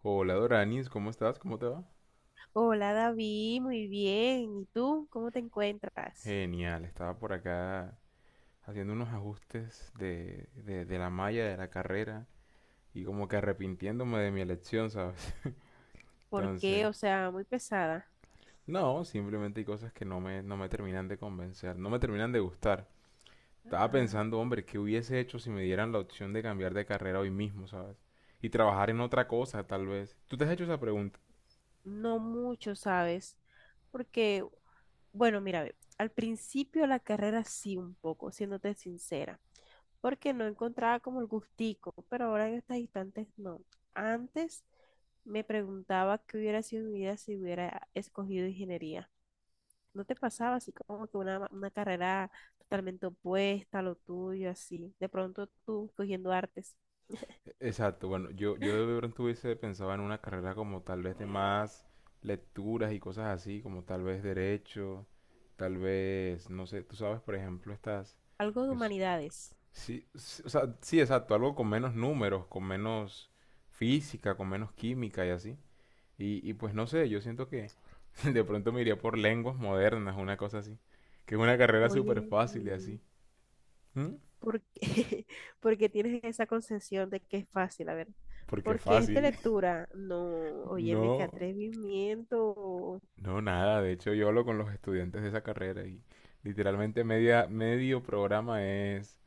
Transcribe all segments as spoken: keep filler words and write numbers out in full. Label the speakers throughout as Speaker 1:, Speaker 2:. Speaker 1: Hola Doranis, ¿cómo estás? ¿Cómo te va?
Speaker 2: Hola David, muy bien. ¿Y tú cómo te encuentras?
Speaker 1: Genial, estaba por acá haciendo unos ajustes de, de, de la malla de la carrera y como que arrepintiéndome de mi elección, ¿sabes?
Speaker 2: ¿Por
Speaker 1: Entonces,
Speaker 2: qué? O sea, muy pesada.
Speaker 1: no, simplemente hay cosas que no me, no me terminan de convencer, no me terminan de gustar. Estaba
Speaker 2: Ah,
Speaker 1: pensando, hombre, ¿qué hubiese hecho si me dieran la opción de cambiar de carrera hoy mismo, ¿sabes? Y trabajar en otra cosa, tal vez. ¿Tú te has hecho esa pregunta?
Speaker 2: no mucho, ¿sabes? Porque, bueno, mira, ve, al principio la carrera sí un poco, siéndote sincera, porque no encontraba como el gustico, pero ahora en estas instantes no. Antes me preguntaba qué hubiera sido mi vida si hubiera escogido ingeniería. ¿No te pasaba así como que una, una carrera totalmente opuesta a lo tuyo, así? De pronto tú cogiendo artes,
Speaker 1: Exacto, bueno, yo, yo de pronto hubiese pensado en una carrera como tal vez de más lecturas y cosas así, como tal vez derecho, tal vez, no sé, tú sabes, por ejemplo, estas...
Speaker 2: algo de
Speaker 1: es-
Speaker 2: humanidades.
Speaker 1: sí, sí, o sea, sí, exacto, algo con menos números, con menos física, con menos química y así. Y, y pues no sé, yo siento que de pronto me iría por lenguas modernas, una cosa así. Que es una carrera súper
Speaker 2: Oye,
Speaker 1: fácil y
Speaker 2: mm,
Speaker 1: así. ¿Mm?
Speaker 2: ¿por qué, por qué tienes esa concepción de que es fácil? A ver,
Speaker 1: Porque
Speaker 2: ¿por qué es de
Speaker 1: fácil.
Speaker 2: lectura? No, óyeme, qué
Speaker 1: No.
Speaker 2: atrevimiento
Speaker 1: No, nada, de hecho yo hablo con los estudiantes de esa carrera y literalmente media, medio programa es,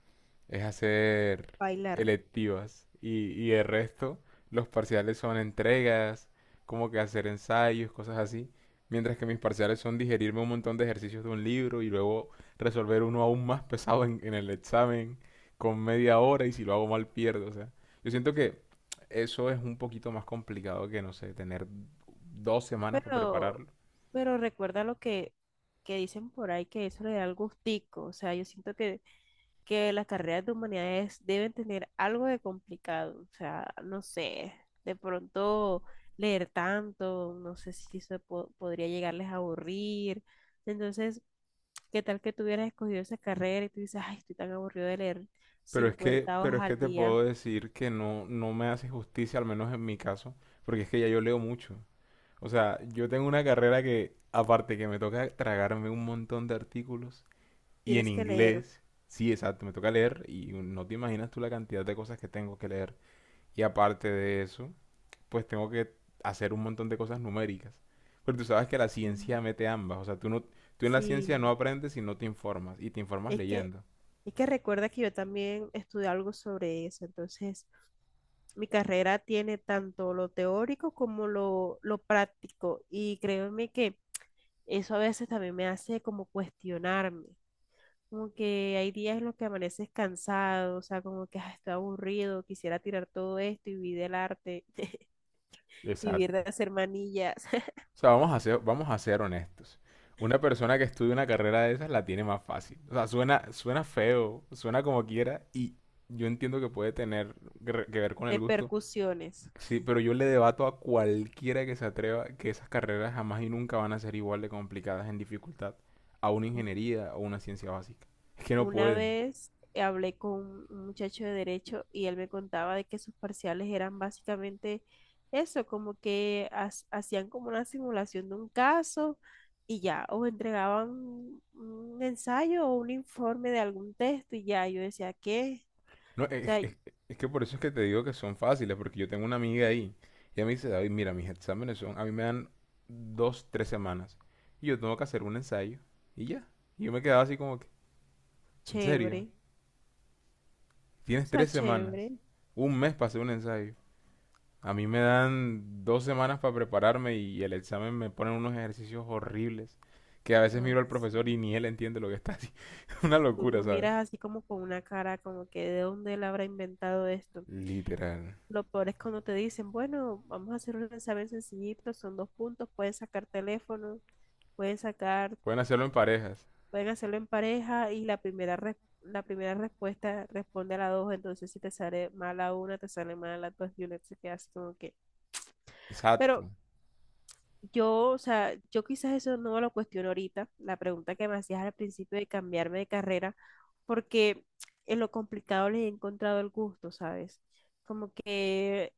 Speaker 1: es hacer
Speaker 2: bailar.
Speaker 1: electivas y, y el resto, los parciales son entregas, como que hacer ensayos, cosas así, mientras que mis parciales son digerirme un montón de ejercicios de un libro y luego resolver uno aún más pesado en, en el examen con media hora y si lo hago mal pierdo, o sea, yo siento que eso es un poquito más complicado que, no sé, tener dos semanas para
Speaker 2: Pero,
Speaker 1: prepararlo.
Speaker 2: pero recuerda lo que, que dicen por ahí, que eso le da el gustico. O sea, yo siento que que las carreras de humanidades deben tener algo de complicado, o sea, no sé, de pronto leer tanto, no sé si eso po- podría llegarles a aburrir. Entonces, ¿qué tal que tú hubieras escogido esa carrera y tú dices, ay, estoy tan aburrido de leer
Speaker 1: Pero es que,
Speaker 2: cincuenta
Speaker 1: pero
Speaker 2: hojas
Speaker 1: es que
Speaker 2: al
Speaker 1: te
Speaker 2: día?
Speaker 1: puedo decir que no, no me hace justicia, al menos en mi caso, porque es que ya yo leo mucho. O sea, yo tengo una carrera que, aparte que me toca tragarme un montón de artículos, y en
Speaker 2: Tienes que leer.
Speaker 1: inglés, sí, exacto, me toca leer, y no te imaginas tú la cantidad de cosas que tengo que leer. Y aparte de eso, pues tengo que hacer un montón de cosas numéricas. Pero tú sabes que la
Speaker 2: Mm,
Speaker 1: ciencia mete ambas, o sea, tú no, tú en la ciencia no
Speaker 2: sí,
Speaker 1: aprendes si no te informas, y te informas
Speaker 2: es que,
Speaker 1: leyendo.
Speaker 2: es que recuerda que yo también estudié algo sobre eso, entonces mi carrera tiene tanto lo teórico como lo, lo práctico, y créeme que eso a veces también me hace como cuestionarme, como que hay días en los que amaneces cansado, o sea, como que "Ah, estoy aburrido, quisiera tirar todo esto y vivir del arte, vivir de hacer manillas,
Speaker 1: O sea, vamos a ser, vamos a ser honestos. Una persona que estudia una carrera de esas la tiene más fácil. O sea, suena, suena feo, suena como quiera, y yo entiendo que puede tener que re- que ver con el
Speaker 2: de
Speaker 1: gusto.
Speaker 2: percusiones."
Speaker 1: Sí, pero yo le debato a cualquiera que se atreva que esas carreras jamás y nunca van a ser igual de complicadas en dificultad a una ingeniería o una ciencia básica. Es que no
Speaker 2: Una
Speaker 1: pueden.
Speaker 2: vez hablé con un muchacho de derecho y él me contaba de que sus parciales eran básicamente eso, como que has- hacían como una simulación de un caso y ya, o entregaban un ensayo o un informe de algún texto y ya, yo decía, ¿qué?
Speaker 1: No,
Speaker 2: O
Speaker 1: es,
Speaker 2: sea,
Speaker 1: es- es que por eso es que te digo que son fáciles, porque yo tengo una amiga ahí. Y ella me dice, David, mira, mis exámenes son, a mí me dan dos, tres semanas. Y yo tengo que hacer un ensayo. Y ya. Y yo me quedaba así como que, ¿en serio?
Speaker 2: chévere, o
Speaker 1: Tienes
Speaker 2: sea,
Speaker 1: tres semanas.
Speaker 2: chévere.
Speaker 1: Un mes para hacer un ensayo. A mí me dan dos semanas para prepararme y el examen me ponen unos ejercicios horribles. Que a veces miro
Speaker 2: Ay,
Speaker 1: al profesor y
Speaker 2: sí.
Speaker 1: ni él entiende lo que está haciendo. Una
Speaker 2: Tú
Speaker 1: locura,
Speaker 2: lo
Speaker 1: ¿sabes?
Speaker 2: miras así como con una cara, como que de dónde él habrá inventado esto.
Speaker 1: Literal.
Speaker 2: Lo peor es cuando te dicen, bueno, vamos a hacer un examen sencillito, son dos puntos, pueden sacar teléfono, pueden sacar,
Speaker 1: Pueden hacerlo en parejas.
Speaker 2: pueden hacerlo en pareja y la primera, res- la primera respuesta responde a la dos, entonces si te sale mal a una, te sale mal a las dos y una se queda así como que. Pero
Speaker 1: Exacto.
Speaker 2: yo, o sea, yo quizás eso no me lo cuestiono ahorita, la pregunta que me hacías al principio de cambiarme de carrera, porque en lo complicado le he encontrado el gusto, ¿sabes? Como que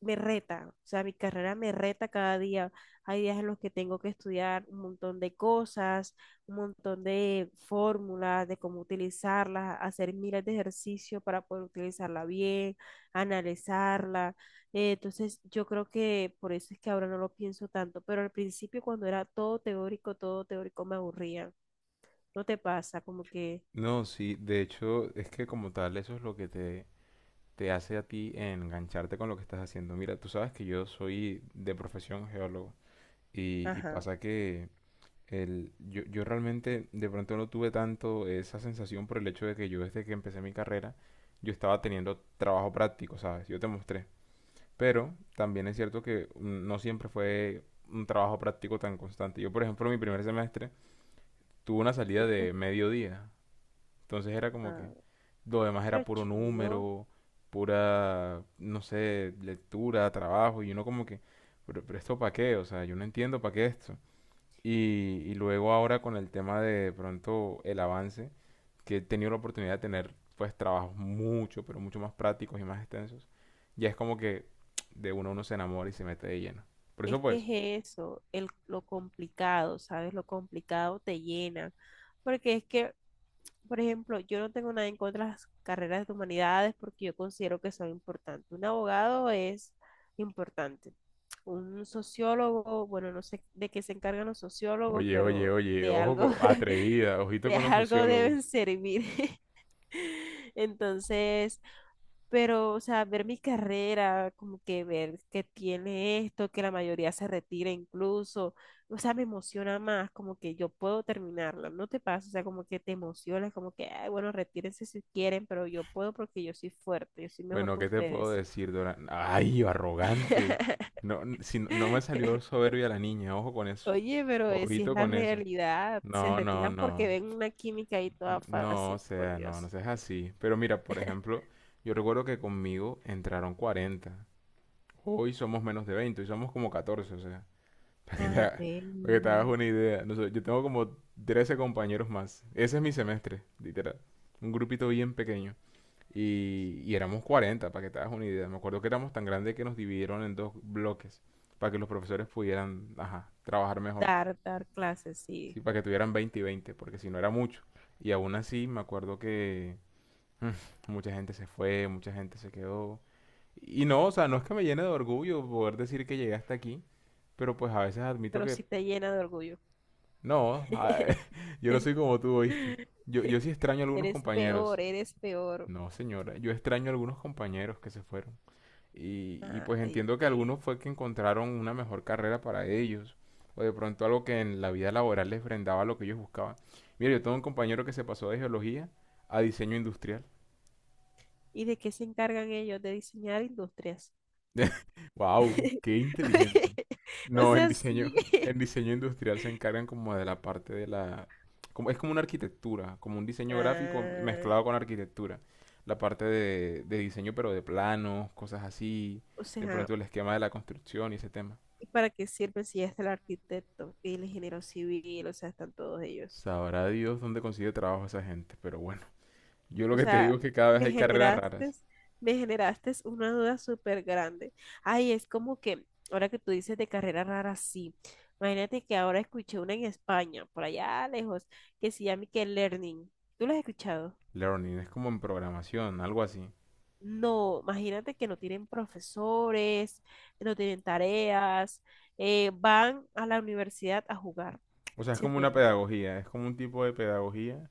Speaker 2: me reta, o sea, mi carrera me reta cada día. Hay días en los que tengo que estudiar un montón de cosas, un montón de fórmulas, de cómo utilizarlas, hacer miles de ejercicios para poder utilizarla bien, analizarla. Eh, entonces, yo creo que por eso es que ahora no lo pienso tanto, pero al principio cuando era todo teórico, todo teórico me aburría. ¿No te pasa? Como que,
Speaker 1: No, sí, de hecho es que como tal eso es lo que te, te hace a ti engancharte con lo que estás haciendo. Mira, tú sabes que yo soy de profesión geólogo y, y
Speaker 2: ajá,
Speaker 1: pasa que el, yo, yo realmente de pronto no tuve tanto esa sensación por el hecho de que yo desde que empecé mi carrera yo estaba teniendo trabajo práctico, ¿sabes? Yo te mostré. Pero también es cierto que mm, no siempre fue un trabajo práctico tan constante. Yo, por ejemplo, mi primer semestre tuve una salida
Speaker 2: ¿viste?
Speaker 1: de mediodía. Entonces era como que,
Speaker 2: Ajá,
Speaker 1: lo demás era
Speaker 2: pero
Speaker 1: puro
Speaker 2: chido.
Speaker 1: número, pura, no sé, lectura, trabajo. Y uno como que, pero, pero esto para qué? O sea, yo no entiendo para qué esto. Y, y luego ahora con el tema de, de pronto el avance, que he tenido la oportunidad de tener pues trabajos mucho, pero mucho más prácticos y más extensos, ya es como que de uno uno se enamora y se mete de lleno. Por
Speaker 2: Es
Speaker 1: eso
Speaker 2: que
Speaker 1: pues,
Speaker 2: es eso, el, lo complicado, ¿sabes? Lo complicado te llena. Porque es que, por ejemplo, yo no tengo nada en contra de las carreras de humanidades porque yo considero que son importantes. Un abogado es importante. Un sociólogo, bueno, no sé de qué se encargan los sociólogos,
Speaker 1: oye, oye,
Speaker 2: pero
Speaker 1: oye,
Speaker 2: de
Speaker 1: ojo
Speaker 2: algo,
Speaker 1: co- atrevida, ojito
Speaker 2: de
Speaker 1: con los
Speaker 2: algo deben
Speaker 1: sociólogos.
Speaker 2: servir. Entonces, pero, o sea, ver mi carrera, como que ver que tiene esto, que la mayoría se retira incluso, o sea, me emociona más, como que yo puedo terminarla, ¿no te pasa? O sea, como que te emociona, como que, ay, bueno, retírense si quieren, pero yo puedo porque yo soy fuerte, yo soy mejor
Speaker 1: Bueno,
Speaker 2: que
Speaker 1: ¿qué te puedo
Speaker 2: ustedes.
Speaker 1: decir, Dora? Ay, arrogante. No, n- si no no me salió soberbia la niña, ojo con eso.
Speaker 2: Oye, pero eh, si es
Speaker 1: Ojito
Speaker 2: la
Speaker 1: con eso.
Speaker 2: realidad, se
Speaker 1: No, no,
Speaker 2: retiran porque
Speaker 1: no.
Speaker 2: ven una química ahí toda
Speaker 1: No, o
Speaker 2: fácil, por
Speaker 1: sea, no, no
Speaker 2: Dios.
Speaker 1: seas así. Pero mira, por ejemplo, yo recuerdo que conmigo entraron cuarenta. Hoy somos menos de veinte, hoy somos como catorce, o sea. Para que te,
Speaker 2: Ay,
Speaker 1: ha- para que te hagas
Speaker 2: ven,
Speaker 1: una idea. No sé, yo tengo como trece compañeros más. Ese es mi semestre, literal. Un grupito bien pequeño. Y, y éramos cuarenta para que te hagas una idea. Me acuerdo que éramos tan grandes que nos dividieron en dos bloques para que los profesores pudieran ajá, trabajar mejor.
Speaker 2: dar, dar clases, sí,
Speaker 1: Sí, para que tuvieran veinte y veinte porque si no era mucho. Y aún así me acuerdo que mucha gente se fue, mucha gente se quedó. Y no, o sea, no es que me llene de orgullo poder decir que llegué hasta aquí, pero pues a veces admito
Speaker 2: pero
Speaker 1: que
Speaker 2: sí te llena de orgullo.
Speaker 1: no, a- yo no soy como tú, ¿oíste? Yo, yo sí extraño a algunos
Speaker 2: Eres
Speaker 1: compañeros.
Speaker 2: peor, eres peor.
Speaker 1: No, señora, yo extraño a algunos compañeros que se fueron. Y, y pues
Speaker 2: Ay,
Speaker 1: entiendo que
Speaker 2: güey.
Speaker 1: algunos fue que encontraron una mejor carrera para ellos, o de pronto algo que en la vida laboral les brindaba lo que ellos buscaban. Mira, yo tengo un compañero que se pasó de geología a diseño industrial.
Speaker 2: ¿Y de qué se encargan ellos? De diseñar industrias.
Speaker 1: Wow, qué inteligente.
Speaker 2: O
Speaker 1: No, en
Speaker 2: sea,
Speaker 1: diseño,
Speaker 2: sí.
Speaker 1: en diseño industrial se encargan como de la parte de la, como, es como una arquitectura, como un diseño gráfico
Speaker 2: Ah,
Speaker 1: mezclado con arquitectura. La parte de, de diseño, pero de planos, cosas así,
Speaker 2: o
Speaker 1: de
Speaker 2: sea,
Speaker 1: pronto el esquema de la construcción y ese tema.
Speaker 2: ¿y para qué sirven si ya está el arquitecto y el ingeniero civil? O sea, están todos ellos.
Speaker 1: Sabrá Dios dónde consigue trabajo esa gente, pero bueno, yo lo
Speaker 2: O
Speaker 1: que te digo
Speaker 2: sea,
Speaker 1: es que cada vez
Speaker 2: me
Speaker 1: hay carreras
Speaker 2: generaste,
Speaker 1: raras.
Speaker 2: me generaste una duda súper grande. Ay, es como que, ahora que tú dices de carrera rara, sí. Imagínate que ahora escuché una en España, por allá lejos, que se llama que Learning. ¿Tú la has escuchado?
Speaker 1: Learning es como en programación, algo así.
Speaker 2: No, imagínate que no tienen profesores, no tienen tareas, eh, van a la universidad a jugar.
Speaker 1: O sea, es
Speaker 2: ¿Sí
Speaker 1: como una
Speaker 2: entiendes?
Speaker 1: pedagogía, es como un tipo de pedagogía,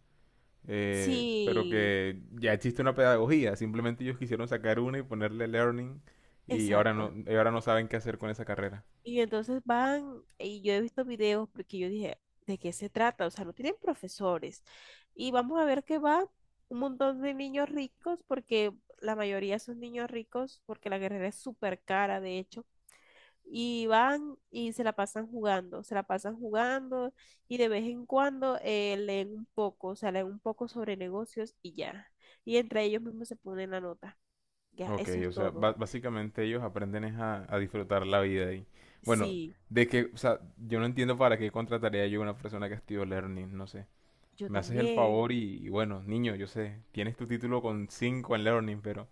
Speaker 1: eh, pero
Speaker 2: Sí,
Speaker 1: que ya existe una pedagogía. Simplemente ellos quisieron sacar una y ponerle learning y ahora
Speaker 2: exacto.
Speaker 1: no, y ahora no saben qué hacer con esa carrera.
Speaker 2: Y entonces van, y yo he visto videos porque yo dije, ¿de qué se trata? O sea, no tienen profesores. Y vamos a ver que va un montón de niños ricos, porque la mayoría son niños ricos, porque la carrera es súper cara, de hecho. Y van y se la pasan jugando, se la pasan jugando y de vez en cuando eh, leen un poco, o sea, leen un poco sobre negocios y ya. Y entre ellos mismos se ponen la nota. Ya,
Speaker 1: Ok,
Speaker 2: eso es
Speaker 1: o sea,
Speaker 2: todo.
Speaker 1: ba- básicamente ellos aprenden es a, a disfrutar la vida y bueno,
Speaker 2: Sí,
Speaker 1: de que, o sea, yo no entiendo para qué contrataría yo a una persona que estudió learning, no sé.
Speaker 2: yo
Speaker 1: Me haces el favor
Speaker 2: también.
Speaker 1: y, y bueno, niño, yo sé, tienes tu título con cinco en Learning, pero,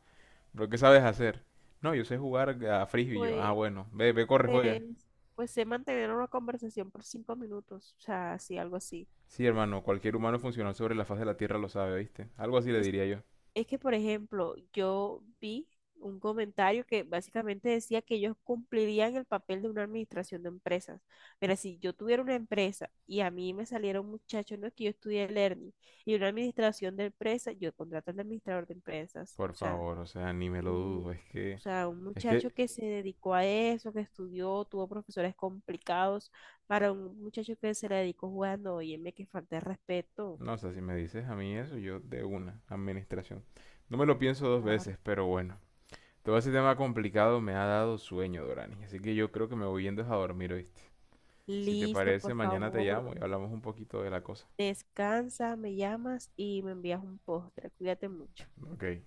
Speaker 1: pero ¿qué sabes hacer? No, yo sé jugar a frisbee. Y yo, ah,
Speaker 2: Pues
Speaker 1: bueno, ve, ve, corre, juega.
Speaker 2: Pues, pues sé mantener una conversación por cinco minutos, o sea, así, algo así.
Speaker 1: Sí, hermano, cualquier humano funcional sobre la faz de la Tierra lo sabe, ¿viste? Algo así le
Speaker 2: Es,
Speaker 1: diría yo.
Speaker 2: es que, por ejemplo, yo vi un comentario que básicamente decía que ellos cumplirían el papel de una administración de empresas. Mira, si yo tuviera una empresa y a mí me saliera un muchacho, no es que yo estudié Learning, y una administración de empresas, yo contrato al administrador de empresas,
Speaker 1: Por
Speaker 2: o sea,
Speaker 1: favor, o sea, ni me lo
Speaker 2: un-
Speaker 1: dudo, es
Speaker 2: o
Speaker 1: que,
Speaker 2: sea, un
Speaker 1: es
Speaker 2: muchacho
Speaker 1: que,
Speaker 2: que se dedicó a eso, que estudió, tuvo profesores complicados, para un muchacho que se le dedicó jugando, óyeme, que falta de respeto.
Speaker 1: no, o sea, si me dices a mí eso, yo de una, administración. No me lo pienso dos
Speaker 2: Claro.
Speaker 1: veces, pero bueno. Todo ese tema complicado me ha dado sueño, Dorani, así que yo creo que me voy yendo a dormir, ¿oíste? Si te
Speaker 2: Listo, por
Speaker 1: parece, mañana te
Speaker 2: favor,
Speaker 1: llamo y hablamos un poquito de la cosa.
Speaker 2: descansa, me llamas y me envías un postre. Cuídate mucho.
Speaker 1: Ok.